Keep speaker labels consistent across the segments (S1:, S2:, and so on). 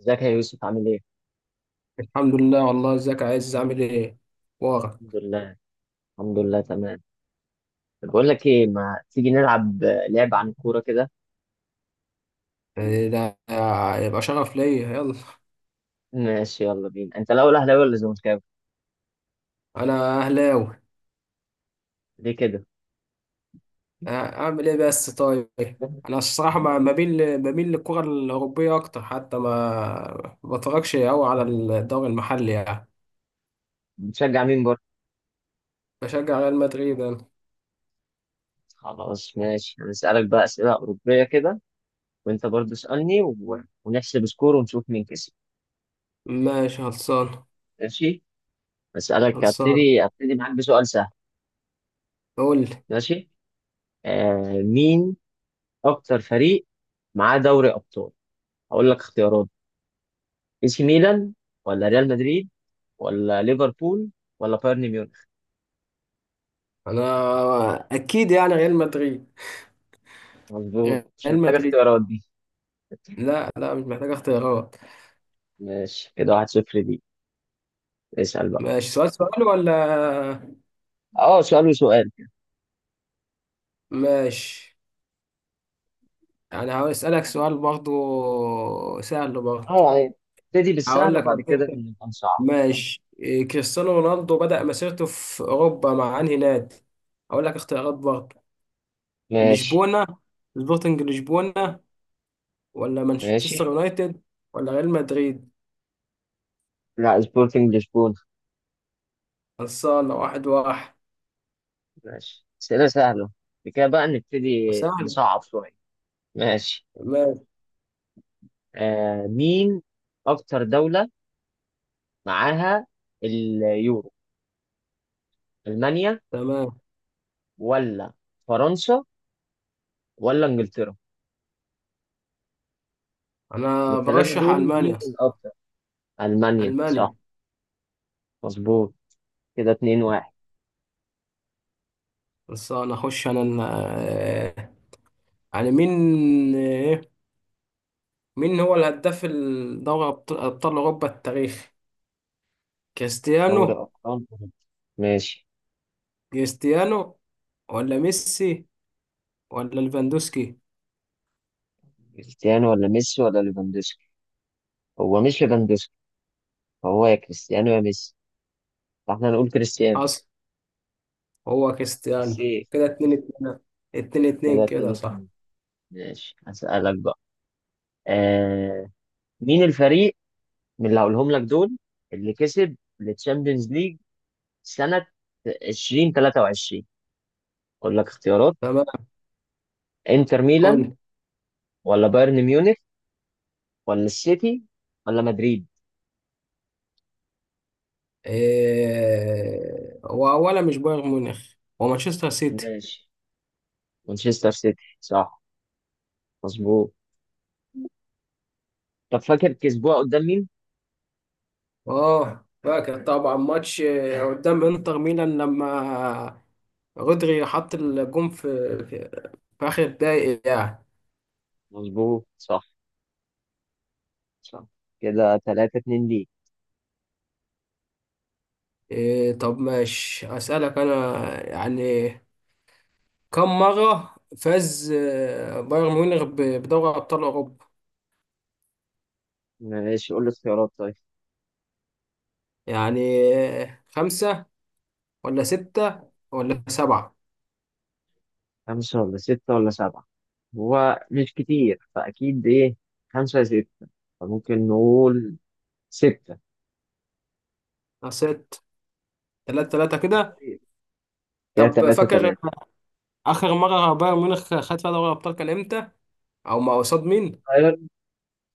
S1: ازيك يا يوسف؟ عامل ايه؟
S2: الحمد لله والله، ازيك. يا، عايز اعمل ايه ورا.
S1: الحمد لله. الحمد لله، تمام. طب بقول لك ايه، ما تيجي نلعب لعبة عن الكورة كده.
S2: يعني ده يبقى شرف ليا، يلا.
S1: ماشي، يلا بينا. انت الاول اهلاوي ولا زملكاوي؟
S2: انا اهلاوي.
S1: ليه كده؟
S2: اعمل ايه بس. طيب انا الصراحه ما بين، بميل للكره الاوروبيه اكتر، حتى ما بتفرجش قوي على الدوري المحلي يعني.
S1: بتشجع مين برضه؟
S2: بشجع ريال مدريد انا.
S1: خلاص ماشي، هنسألك بقى أسئلة أوروبية كده، وانت برضه اسألني ونحسب سكور ونشوف مين كسب.
S2: ماشي خلصان.
S1: ماشي؟ أسألك،
S2: خلصان.
S1: هبتدي معاك بسؤال سهل.
S2: قول لي.
S1: ماشي؟ آه، مين أكتر فريق معاه دوري أبطال؟ هقول لك اختيارات: اي سي ميلان، ولا ريال مدريد، ولا ليفربول، ولا بايرن ميونخ.
S2: انا اكيد يعني ريال مدريد ريال
S1: مظبوط، مش محتاج
S2: مدريد
S1: اختيارات دي.
S2: لا لا مش محتاج اختيارات.
S1: ماشي، كده واحد صفر دي. اسأل بقى.
S2: ماشي، سؤال سؤال ولا؟
S1: اه، سؤال وسؤال.
S2: ماشي. انا هسألك سؤال برضو سهل برضو.
S1: اه يعني، ابتدي
S2: هقول
S1: بالسهل
S2: لك
S1: وبعد
S2: وديك
S1: كده
S2: كده.
S1: نبقى نصعب.
S2: ماشي إيه، كريستيانو رونالدو بدأ مسيرته في اوروبا مع انهي نادي؟ هقول لك اختيارات برضو.
S1: ماشي.
S2: لشبونة، سبورتنج لشبونة، ولا
S1: ماشي،
S2: مانشستر يونايتد، ولا ريال مدريد.
S1: لا سبورتنج لشبونة.
S2: خلصانة واحد واحد.
S1: ماشي، أسئلة سهلة بعد كده بقى نبتدي
S2: وسهل.
S1: نصعب شوية. ماشي.
S2: ماشي.
S1: آه، مين أكتر دولة معاها اليورو؟ ألمانيا،
S2: تمام.
S1: ولا فرنسا، ولا إنجلترا؟ من
S2: انا
S1: الثلاثة
S2: برشح
S1: دول مين
S2: المانيا.
S1: الأكتر؟ ألمانيا
S2: المانيا.
S1: صح. مظبوط، كده اتنين واحد.
S2: خلصانة. اخش انا ال- آه، يعني مين، آه، مين هو الهداف الدوري أبطال أوروبا التاريخي؟
S1: دوري
S2: كريستيانو
S1: أبطال أوروبا. ماشي.
S2: كريستيانو ولا ميسي ولا ليفاندوسكي؟
S1: كريستيانو ولا ميسي ولا ليفاندوسكي؟ هو مش ليفاندوسكي، هو يا كريستيانو يا ميسي، فاحنا هنقول كريستيانو.
S2: حصل، هو
S1: بس
S2: كريستيانو.
S1: ايه،
S2: كده اتنين اتنين. اتنين
S1: كده
S2: اتنين
S1: اتنين
S2: كده صح.
S1: اتنين. ماشي، هسألك بقى. آه، مين الفريق من اللي هقولهم لك دول اللي كسب التشامبيونز ليج سنة 2023؟ أقول لك اختيارات:
S2: تمام.
S1: انتر ميلان،
S2: قول.
S1: ولا بايرن ميونخ، ولا السيتي، ولا مدريد.
S2: هو ولا مش بايرن ميونخ، هو مانشستر سيتي.
S1: ماشي، مانشستر سيتي صح. مظبوط. طب فاكر كسبوها قدام مين؟
S2: اه فاكر طبعا ماتش، قدام انتر ميلان لما رودري حط الجون في, في آخر الدقايق يعني.
S1: مظبوط صح. صح، كده تلاتة اتنين ليك.
S2: إيه طب ماشي أسألك أنا، يعني كم مرة فاز بايرن ميونخ بدوري أبطال أوروبا؟
S1: ماشي، قول لي اختيارات طيب.
S2: يعني خمسة ولا ستة
S1: إيه؟
S2: ولا سبعة؟
S1: خمسة ولا ستة ولا سبعة؟ هو مش كتير فأكيد، إيه، خمسة يا ستة، فممكن نقول ستة.
S2: ست. تلاتة تلاتة كده.
S1: كده
S2: طب
S1: تلاتة
S2: فاكر
S1: تلاتة.
S2: آخر مرة بايرن ميونخ خد فيها دوري أبطال كان إمتى؟ أو مع قصاد مين؟
S1: طيب،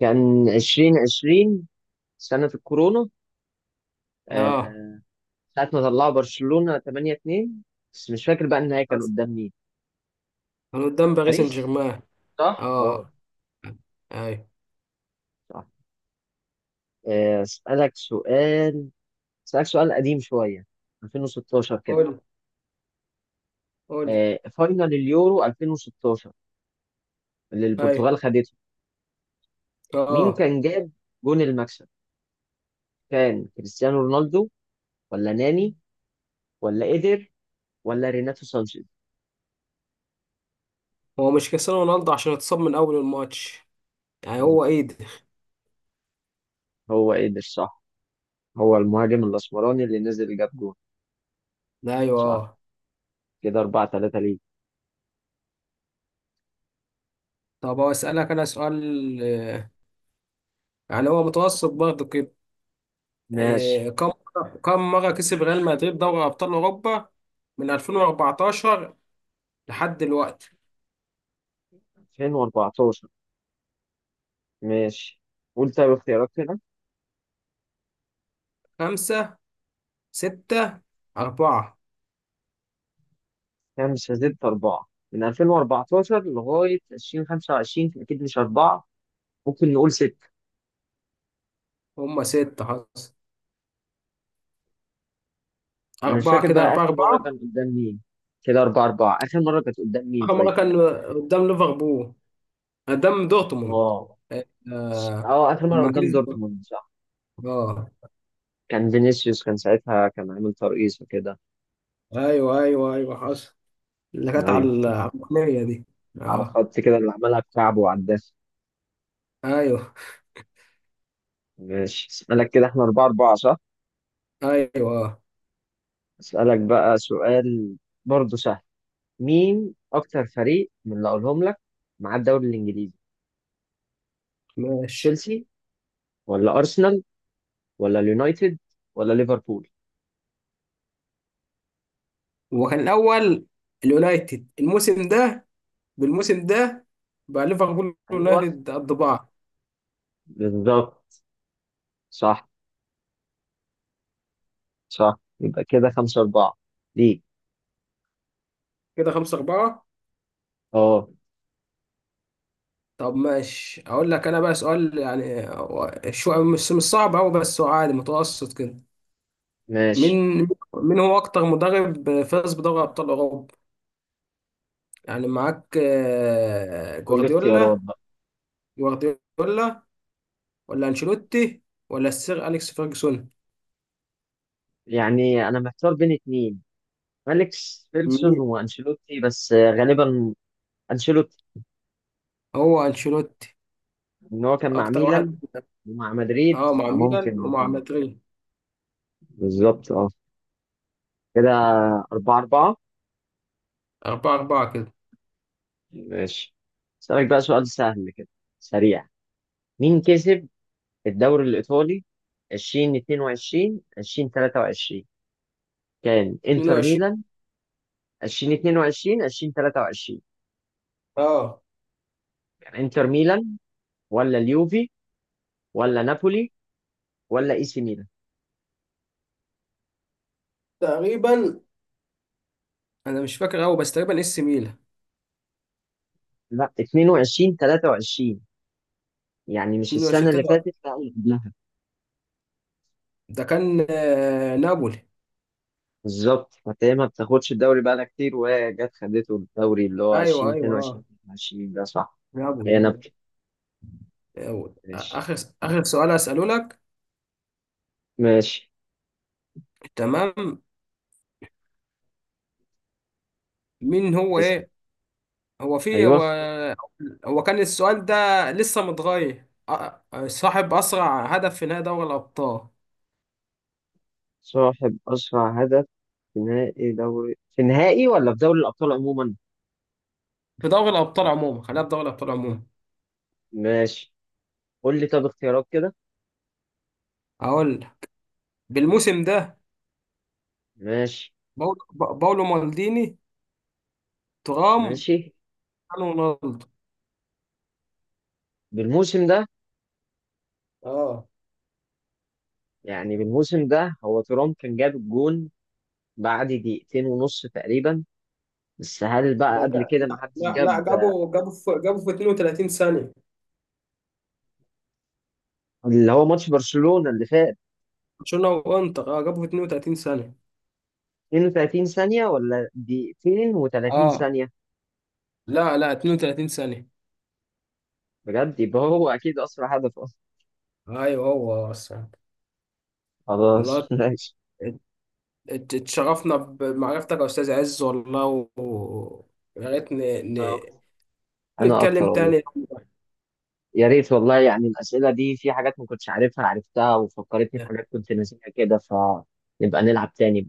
S1: كان عشرين عشرين سنة الكورونا.
S2: آه
S1: آه. ساعة ما طلعوا برشلونة تمانية اتنين، بس مش فاكر بقى النهائي كان
S2: بس.
S1: قدام مين.
S2: كان قدام باريس سان
S1: باريس،
S2: جيرمان.
S1: صح؟ اه،
S2: آه. أي.
S1: صح. أسألك سؤال، اسالك سؤال قديم شويه، 2016 كده.
S2: قول. قول.
S1: فاينل اليورو 2016 اللي
S2: أي.
S1: البرتغال خدته، مين
S2: آه.
S1: كان جاب جون المكسب؟ كان كريستيانو رونالدو، ولا ناني، ولا ايدر، ولا ريناتو سانشيز؟
S2: هو مش كريستيانو رونالدو عشان اتصاب من أول الماتش يعني،
S1: مظبوط،
S2: هو إيه ده؟
S1: هو ايدر صح. هو المهاجم الاسمراني اللي نزل جاب جون.
S2: ايوه
S1: صح،
S2: آه.
S1: كده 4 3 ليه.
S2: طب اسالك انا سؤال، يعني هو متوسط برضه كده.
S1: ماشي.
S2: آه، كم كم مره كسب ريال مدريد دوري ابطال اوروبا من 2014 لحد دلوقتي؟
S1: 2014، ماشي. قول طيب اختيارات كده.
S2: خمسة، ستة، أربعة.
S1: كام؟ مش هزيد أربعة. من 2014 لغاية 2025 أكيد مش أربعة، ممكن نقول ستة.
S2: هما ستة حصل.
S1: انا مش
S2: أربعة
S1: فاكر
S2: كده،
S1: بقى
S2: أربعة
S1: اخر مره كان
S2: أربعة.
S1: قدام مين. كده اربعة اربعة. اخر مره كانت قدام مين
S2: آخر
S1: طيب؟
S2: مرة كان قدام ليفربول، قدام دورتموند.
S1: اه.
S2: آه،
S1: اه، اخر مره
S2: أما
S1: قدام
S2: كسب.
S1: دورتموند صح.
S2: أه.
S1: كان فينيسيوس، كان ساعتها كان عامل ترقيصه كده.
S2: أيوه أيوه أيوه حصل، اللي كانت على
S1: ايوه، افتكرت.
S2: الركنية دي.
S1: على
S2: أه.
S1: خط كده، اللي عملها بكعبه وعداها.
S2: أيوه
S1: ماشي، اسالك كده احنا اربعة اربعة صح.
S2: أيوه آه.
S1: اسالك بقى سؤال، برضه سهل. مين اكتر فريق من اللي اقولهم لك مع الدوري الانجليزي؟
S2: ماشي.
S1: تشيلسي، ولا ارسنال، ولا اليونايتد، ولا ليفربول؟
S2: هو كان الاول اليونايتد الموسم ده، بالموسم ده. بقى ليفربول
S1: ايوه،
S2: يونايتد قد بعض.
S1: بالظبط، صح. صح، يبقى كده خمسة أربعة ليك.
S2: كده خمسة أربعة.
S1: اه،
S2: طب ماشي أقول لك أنا بقى سؤال، يعني هو شو مش صعب أوي بس هو عادي متوسط كده.
S1: ماشي.
S2: مين مين هو أكتر مدرب فاز بدوري أبطال أوروبا؟ يعني معاك
S1: قول لي اختيارات
S2: جوارديولا.
S1: بقى.
S2: جوارديولا ولا أنشيلوتي ولا السير أليكس فيرجسون؟
S1: يعني أنا محتار بين اتنين، فيليكس فيلسون
S2: مين؟
S1: وأنشيلوتي، بس غالبا أنشيلوتي،
S2: هو أنشيلوتي.
S1: إن هو كان مع
S2: أكتر واحد.
S1: ميلان ومع مدريد،
S2: أه مع ميلان
S1: فممكن.
S2: ومع مدريد.
S1: بالظبط، اه. كده أربعة أربعة.
S2: أربعة أربعة كده.
S1: ماشي، أسألك بقى سؤال سهل كده سريع. مين كسب الدوري الإيطالي 2022 2023؟ كان انتر
S2: 22.
S1: ميلان 2022 2023؟
S2: أه
S1: انتر ميلان، ولا اليوفي، ولا نابولي، ولا اي سي ميلان؟
S2: تقريبا أنا مش فاكر أوي بس تقريبا إس ميلان
S1: لا، 22 23، يعني مش السنه
S2: 22
S1: اللي
S2: 23.
S1: فاتت، لا اللي قبلها.
S2: ده كان نابولي.
S1: بالظبط. فهي ما بتاخدش الدوري بقالها كتير، وهي جت خدته الدوري اللي هو 20
S2: أيوه أيوه
S1: 22
S2: أه.
S1: 23 ده، صح.
S2: نابولي
S1: هي
S2: نابولي.
S1: نابولي.
S2: أيوة.
S1: ماشي.
S2: آخر. آخر سؤال أسأله لك.
S1: ماشي.
S2: تمام. مين هو
S1: اسم.
S2: إيه، هو في
S1: ايوه.
S2: هو كان السؤال ده لسه متغير، صاحب أسرع هدف في نهائي دوري الأبطال.
S1: صاحب اسرع هدف في نهائي دوري، في نهائي ولا في دوري الابطال عموما؟
S2: في دوري الأبطال عموما، خلينا في دوري الأبطال عموما.
S1: ماشي، قول لي طب اختيارات كده.
S2: أقول لك. بالموسم ده.
S1: ماشي.
S2: باولو باولو مالديني، ترام،
S1: ماشي،
S2: رونالدو.
S1: بالموسم ده.
S2: اه
S1: يعني بالموسم ده هو ترام كان جاب الجون بعد دقيقتين ونص تقريبا، بس هل بقى
S2: ده
S1: قبل
S2: جا...
S1: كده ما حدش
S2: لا لا
S1: جاب؟
S2: جابوا في 32 ثانية.
S1: اللي هو ماتش برشلونة اللي فات.
S2: برشلونة وانتر اه جابوا في 32 ثانية.
S1: 32 ثانية ولا دقيقتين و30
S2: اه
S1: ثانية
S2: لا لا 32 ثانية.
S1: بجد، يبقى هو أكيد أسرع هدف أصلا.
S2: ايوه هو اصلا. الله.
S1: خلاص
S2: ات-
S1: ماشي.
S2: اتشرفنا بمعرفتك يا استاذ عز والله و... يا ريت
S1: أنا
S2: ن...
S1: أكتر. أنا أكتر
S2: نتكلم
S1: والله.
S2: تاني.
S1: يا ريت والله، يعني الأسئلة دي في حاجات ما كنتش عارفها عرفتها، وفكرتني في حاجات كنت ناسيها كده، فنبقى نلعب تاني.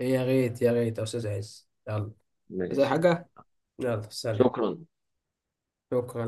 S2: يا ريت يا ريت يا استاذ عز يلا. زي
S1: ماشي.
S2: حاجة. يلا سلام.
S1: شكرا.
S2: شكرا.